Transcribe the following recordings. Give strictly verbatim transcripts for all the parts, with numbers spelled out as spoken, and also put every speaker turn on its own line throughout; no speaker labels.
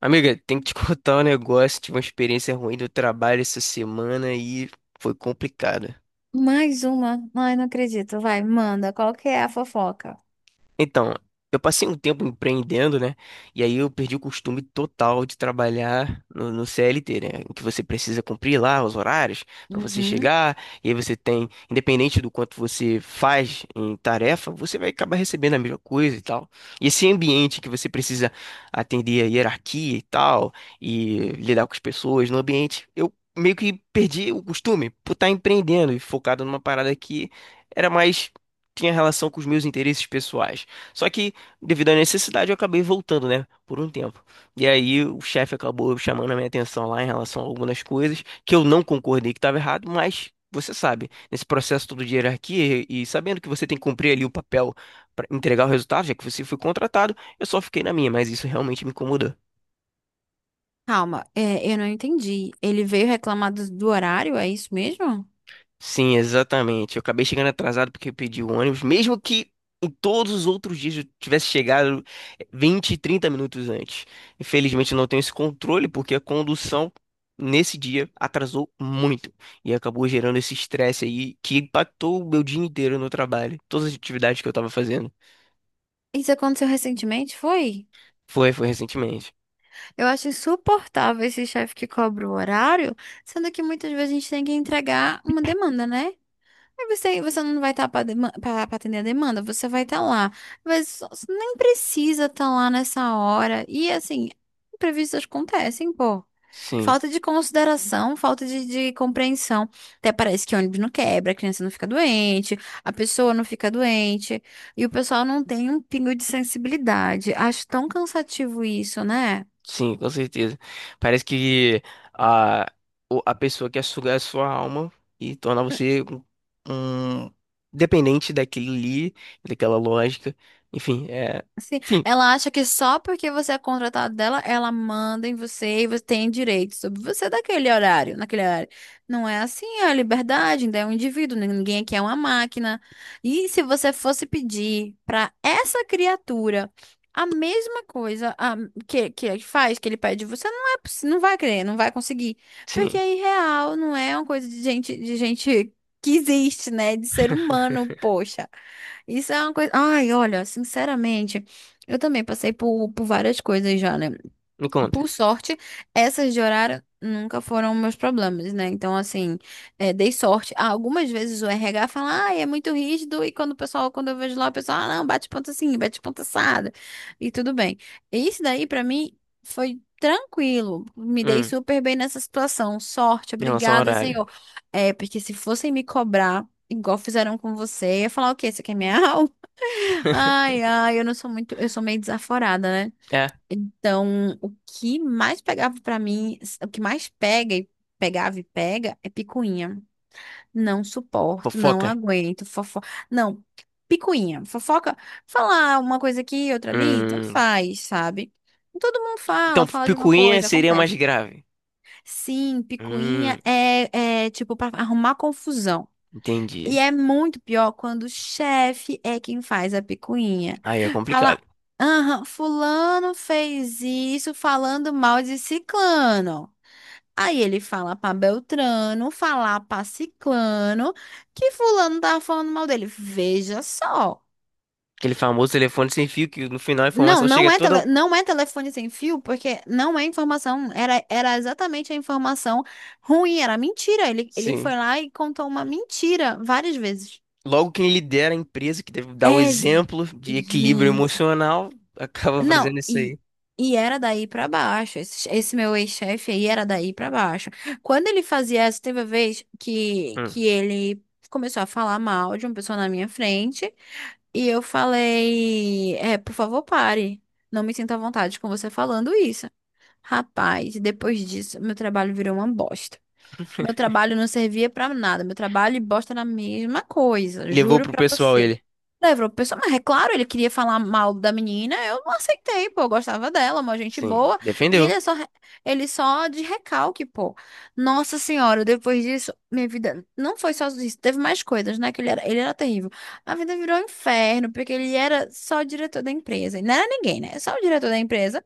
Amiga, tem que te contar um negócio. Tive uma experiência ruim do trabalho essa semana e foi complicado.
Mais uma? Ai, não acredito. Vai, manda. Qual que é a fofoca?
Então, eu passei um tempo empreendendo, né? E aí eu perdi o costume total de trabalhar no, no C L T, né? Em que você precisa cumprir lá os horários para você
Uhum.
chegar, e aí você tem, independente do quanto você faz em tarefa, você vai acabar recebendo a mesma coisa e tal. E esse ambiente que você precisa atender a hierarquia e tal, e lidar com as pessoas no ambiente, eu meio que perdi o costume por estar empreendendo e focado numa parada que era mais tinha relação com os meus interesses pessoais. Só que, devido à necessidade, eu acabei voltando, né? Por um tempo. E aí o chefe acabou chamando a minha atenção lá em relação a algumas coisas que eu não concordei que estava errado, mas você sabe, nesse processo todo de hierarquia e e sabendo que você tem que cumprir ali o papel para entregar o resultado, já que você foi contratado, eu só fiquei na minha, mas isso realmente me incomodou.
Calma, é, eu não entendi. Ele veio reclamar do, do horário, é isso mesmo?
Sim, exatamente. Eu acabei chegando atrasado porque eu pedi o ônibus, mesmo que em todos os outros dias eu tivesse chegado vinte, trinta minutos antes. Infelizmente eu não tenho esse controle porque a condução nesse dia atrasou muito e acabou gerando esse estresse aí que impactou o meu dia inteiro no trabalho, todas as atividades que eu tava fazendo.
Isso aconteceu recentemente, foi?
Foi, foi recentemente.
Eu acho insuportável esse chefe que cobra o horário, sendo que muitas vezes a gente tem que entregar uma demanda, né? Aí Você, você não vai estar para atender a demanda, você vai estar lá. Mas só- você nem precisa estar lá nessa hora. E assim, imprevistos acontecem, pô.
Sim.
Falta de consideração, falta de, de compreensão. Até parece que ônibus não quebra, a criança não fica doente, a pessoa não fica doente. E o pessoal não tem um pingo de sensibilidade. Acho tão cansativo isso, né?
Sim, com certeza. Parece que a, o- a pessoa quer sugar a sua alma e tornar você um, um dependente daquilo ali, daquela lógica. Enfim, é.
Assim,
Enfim,
ela acha que só porque você é contratado dela, ela manda em você e você tem direito sobre você daquele horário, naquele horário. Não é assim, é a liberdade, ainda é um indivíduo, né? Ninguém aqui é uma máquina. E se você fosse pedir para essa criatura a mesma coisa a- que, que ele faz, que ele pede de você, não é, possi- não vai querer, não vai conseguir. Porque
sim.
é irreal, não é uma coisa de gente, de gente que existe, né? De ser humano, poxa. Isso é uma coisa. Ai, olha, sinceramente. Eu também passei por, por várias coisas já, né?
Me conta.
Por sorte, essas de horário nunca foram meus problemas, né? Então, assim, é, dei sorte. Ah, algumas vezes o R H fala, ah, é muito rígido, e quando o pessoal, quando eu vejo lá, o pessoal, ah, não, bate ponta assim, bate ponta assada, e tudo bem. E isso daí, pra mim, foi tranquilo. Me dei
Hum,
super bem nessa situação. Sorte,
Em relação ao
obrigada,
horário.
senhor. É, porque se fossem me cobrar, igual fizeram com você, eu ia falar, o quê? Você quer minha alma? Ai, ai, eu não sou muito, eu sou meio desaforada, né?
É,
Então, o que mais pegava pra mim, o que mais pega e pegava e pega é picuinha. Não suporto, não
fofoca.
aguento, fofoca. Não, picuinha, fofoca, falar uma coisa aqui, outra ali, tanto
Hum,
faz, sabe? Todo mundo
então,
fala, fala de uma
picuinha
coisa,
seria mais
acontece.
grave.
Sim, picuinha
Hum,
é, é tipo pra arrumar confusão. E
entendi.
é muito pior quando o chefe é quem faz a picuinha.
Aí é
Fala,
complicado.
aham, fulano fez isso falando mal de ciclano. Aí ele fala pra Beltrano, falar pra ciclano que fulano tá falando mal dele. Veja só.
Aquele famoso telefone sem fio que no final a
Não,
informação
não
chega
é,
toda.
tele, não é telefone sem fio, porque não é informação, era, era exatamente a informação ruim, era mentira. Ele, ele
Sim.
foi lá e contou uma mentira várias vezes.
Logo, quem lidera a empresa, que deve dar o
É,
exemplo de equilíbrio
gente.
emocional, acaba
Não,
fazendo isso
e,
aí.
e era daí pra baixo. Esse, esse meu ex-chefe aí era daí pra baixo. Quando ele fazia essa, teve uma vez que,
Hum.
que ele começou a falar mal de uma pessoa na minha frente e eu falei: é, por favor, pare. Não me sinto à vontade com você falando isso. Rapaz, depois disso, meu trabalho virou uma bosta. Meu trabalho não servia pra nada. Meu trabalho e bosta na mesma coisa,
Levou
juro
pro
pra
pessoal
você.
ele.
Levou o pessoal, mas é claro, ele queria falar mal da menina, eu não aceitei, pô, eu gostava dela, uma gente
Sim.
boa, e
Defendeu.
ele é só, re- ele só de recalque, pô. Nossa senhora, depois disso, minha vida não foi só isso, teve mais coisas, né, que ele era, ele era terrível. A vida virou um inferno, porque ele era só o diretor da empresa, e não era ninguém, né, só o diretor da empresa,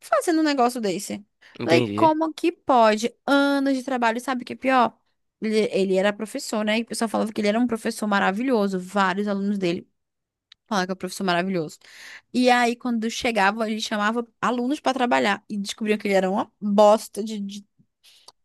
fazendo um negócio desse. Falei,
Entendi.
como que pode? Anos de trabalho, sabe o que é pior? Ele, ele era professor, né? E o pessoal falava que ele era um professor maravilhoso. Vários alunos dele falavam que era um professor maravilhoso. E aí, quando chegava, ele chamava alunos para trabalhar e descobriam que ele era uma bosta de, de,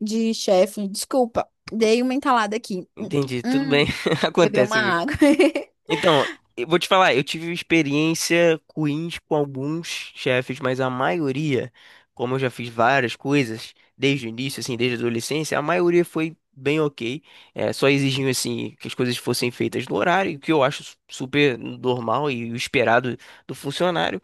de chefe. Desculpa, dei uma entalada aqui. Hum,
Entendi, tudo
hum,
bem.
bebeu
Acontece,
uma
amigo.
água.
Então, eu vou te falar, eu tive experiência ruins com alguns chefes, mas a maioria, como eu já fiz várias coisas desde o início, assim, desde a adolescência, a maioria foi bem ok. É, só exigiam, assim, que as coisas fossem feitas no horário, o que eu acho su- super normal e o esperado do funcionário.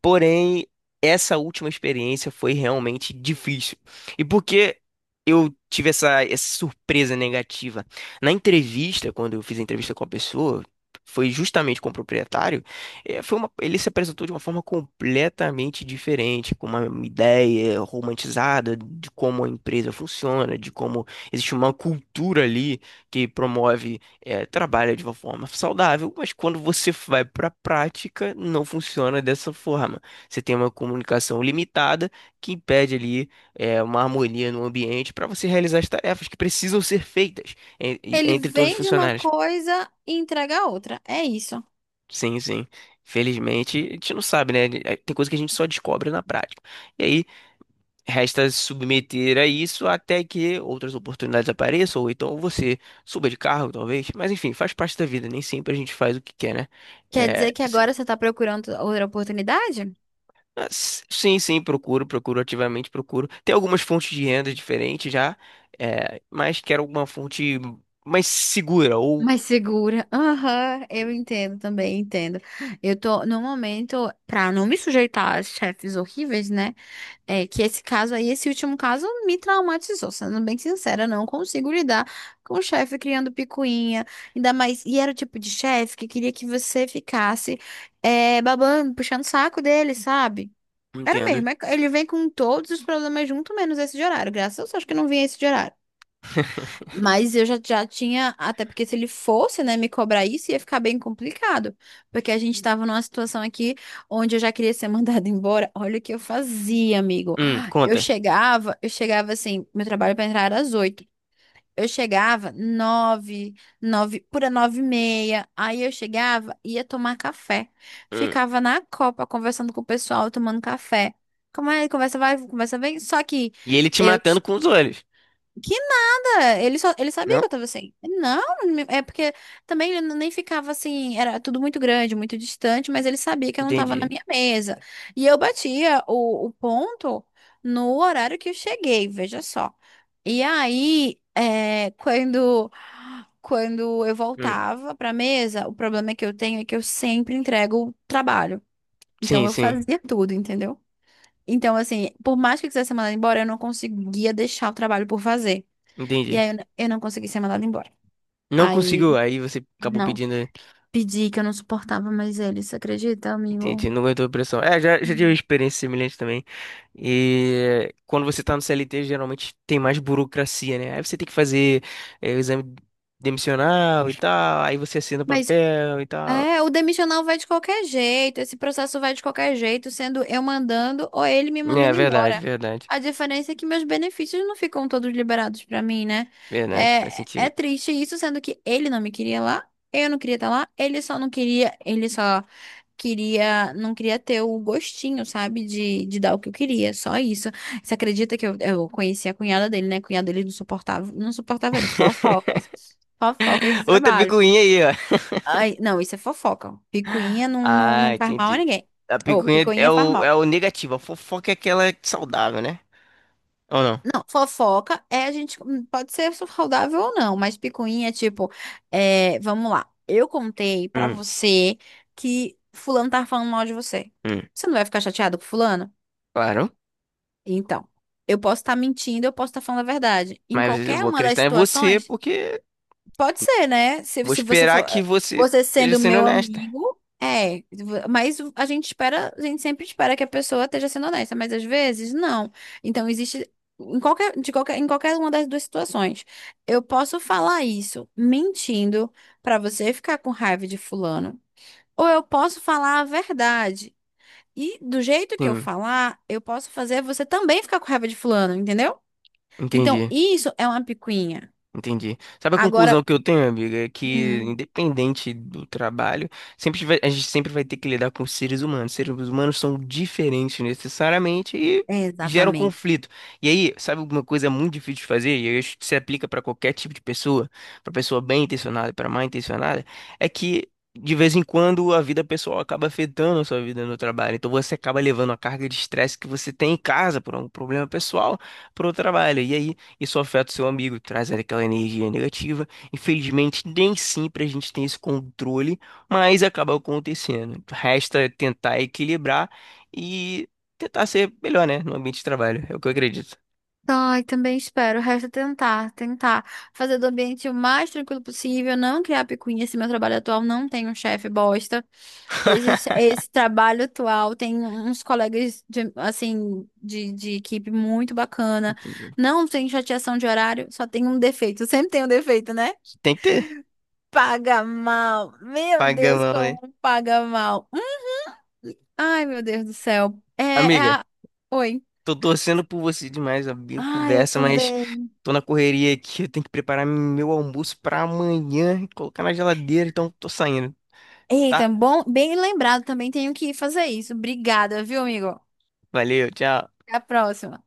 Porém, essa última experiência foi realmente difícil. E por que eu tive essa, essa surpresa negativa? Na entrevista, quando eu fiz a entrevista com a pessoa, foi justamente com o proprietário, eh, foi uma, ele se apresentou de uma forma completamente diferente, com uma ideia romantizada de como a empresa funciona, de como existe uma cultura ali que promove é, trabalha de uma forma saudável, mas quando você vai para a prática, não funciona dessa forma. Você tem uma comunicação limitada que impede ali é, uma harmonia no ambiente para você realizar as tarefas que precisam ser feitas en- e-
Ele
entre todos os
vende uma
funcionários.
coisa e entrega a outra. É isso.
Sim, sim. Felizmente, a gente não sabe, né? É, tem coisa que a gente só descobre na prática. E aí, resta se submeter a isso até que outras oportunidades apareçam, ou então você suba de cargo, talvez. Mas enfim, faz parte da vida, nem sempre a gente faz o que quer, né?
Quer dizer
É,
que
assim,
agora você está procurando outra oportunidade?
mas, sim, sim, procuro, procuro, ativamente, procuro. Tem algumas fontes de renda diferentes já, é, mas quero alguma fonte mais segura, ou
Mais segura. Aham, eu entendo também, entendo. Eu tô, no momento, pra não me sujeitar a chefes horríveis, né? É que esse caso aí, esse último caso, me traumatizou. Sendo bem sincera, não consigo lidar com o chefe criando picuinha. Ainda mais. E era o tipo de chefe que queria que você ficasse é, babando, puxando o saco dele, sabe? Era
entendo.
mesmo. é- Ele vem com todos os problemas junto, menos esse de horário. Graças a Deus, acho que não vinha esse de horário. Mas eu já, já tinha, até porque se ele fosse, né, me cobrar isso, ia ficar bem complicado. Porque a gente tava numa situação aqui onde eu já queria ser mandada embora. Olha o que eu fazia, amigo.
Hum,
Eu
conta.
chegava, eu chegava assim, meu trabalho para entrar era às oito. Eu chegava nove, nove, pura nove e meia. Aí eu chegava, ia tomar café.
Hum.
Ficava na copa, conversando com o pessoal, tomando café. Como é, conversa vai, conversa vem. Só que
E ele te
eu
matando com os olhos.
que nada, ele só, ele sabia
Não?
que eu tava assim. Não, é porque também ele nem ficava assim, era tudo muito grande, muito distante, mas ele sabia que eu não tava na
Entendi.
minha mesa. E eu batia o, o ponto no horário que eu cheguei, veja só. E aí, é, quando, quando eu
Hum.
voltava pra mesa, o problema que eu tenho é que eu sempre entrego o trabalho. Então
Sim,
eu
sim.
fazia tudo, entendeu? Então, assim, por mais que eu quisesse ser mandada embora, eu não conseguia deixar o trabalho por fazer. E
Entendi.
aí eu, n- eu não consegui ser mandada embora.
Não
Aí,
conseguiu, aí você acabou
não.
pedindo.
Pedi que eu não suportava mais ele, você acredita, amigo?
Entendi, não aguentou a pressão. É, já, já tive uma
Hum.
experiência semelhante também. E quando você tá no C L T, geralmente tem mais burocracia, né? Aí você tem que fazer é, o exame demissional e tal, aí você assina o
Mas
papel e tal.
É, o demissional vai de qualquer jeito, esse processo vai de qualquer jeito, sendo eu mandando ou ele me
É,
mandando
verdade,
embora.
verdade,
A diferença é que meus benefícios não ficam todos liberados pra mim, né?
verdade, faz
É, é
sentido.
triste isso, sendo que ele não me queria lá, eu não queria estar lá, ele só não queria, ele só queria, não queria ter o gostinho, sabe, de, de dar o que eu queria, só isso. Você acredita que eu, eu conheci a cunhada dele, né? A cunhada dele não suportava, não suportava ele, fofocas, fofocas de
Outra
trabalho.
picuinha aí, ó.
Ai, não, isso é fofoca. Picuinha não, não,
Ah,
não faz mal a
entendi.
ninguém.
A
Ou
picuinha é
picuinha faz
o, é
mal.
o negativo, a fofoca é aquela saudável, né? Ou não?
Não, fofoca é a gente. hum, Pode ser saudável ou não, mas picuinha é tipo. É, vamos lá. Eu contei pra
Hum,
você que Fulano tá falando mal de você.
hum,
Você não vai ficar chateado com Fulano?
claro.
Então, eu posso estar mentindo, eu posso estar falando a verdade. Em
Mas eu
qualquer
vou
uma das
acreditar em você
situações.
porque
Pode ser, né? Se,
vou
se você
esperar
for,
que
eh,
você
você
esteja
sendo
sendo
meu
honesta.
amigo, é, mas a gente espera, a gente sempre espera que a pessoa esteja sendo honesta, mas às vezes não. Então existe em qualquer, de qualquer, em qualquer uma das duas situações. Eu posso falar isso mentindo pra você ficar com raiva de fulano, ou eu posso falar a verdade. E do jeito que eu
Sim,
falar, eu posso fazer você também ficar com raiva de fulano, entendeu? Então,
entendi.
isso é uma picuinha.
Entendi. Sabe a
Agora,
conclusão que eu tenho, amiga? É que,
hum,
independente do trabalho, sempre vai- a gente sempre vai ter que lidar com seres humanos. Seres humanos são diferentes necessariamente e
é
geram
exatamente.
conflito. E aí, sabe alguma coisa muito difícil de fazer? E eu acho que se aplica para qualquer tipo de pessoa, para pessoa bem intencionada e para mal intencionada, é que de vez em quando a vida pessoal acaba afetando a sua vida no trabalho. Então você acaba levando a carga de estresse que você tem em casa por um problema pessoal para o trabalho. E aí isso afeta o seu amigo, traz ali aquela energia negativa. Infelizmente, nem sempre a gente tem esse controle, mas acaba acontecendo. Resta tentar equilibrar e tentar ser melhor, né, no ambiente de trabalho. É o que eu acredito.
Ai, também espero. Resta tentar, tentar fazer do ambiente o mais tranquilo possível, não criar picuinha. Esse meu trabalho atual não tem um chefe bosta. Esse, esse trabalho atual tem uns colegas de, assim, de, de equipe muito bacana.
Entendi.
Não tem chateação de horário, só tem um defeito. Sempre tem um defeito, né?
Tem que ter
Paga mal. Meu Deus,
pagamão, né?
como paga mal. Hum. Ai, meu Deus do céu. É, é
Amiga,
a... Oi.
tô torcendo por você demais, amigo.
Ai, eu
Conversa,
tô
mas
bem.
tô na correria aqui. Eu tenho que preparar meu almoço pra amanhã e colocar na geladeira, então tô saindo, tá?
Eita, bom, bem lembrado, também tenho que fazer isso. Obrigada, viu, amigo?
Valeu, tchau.
Até a próxima.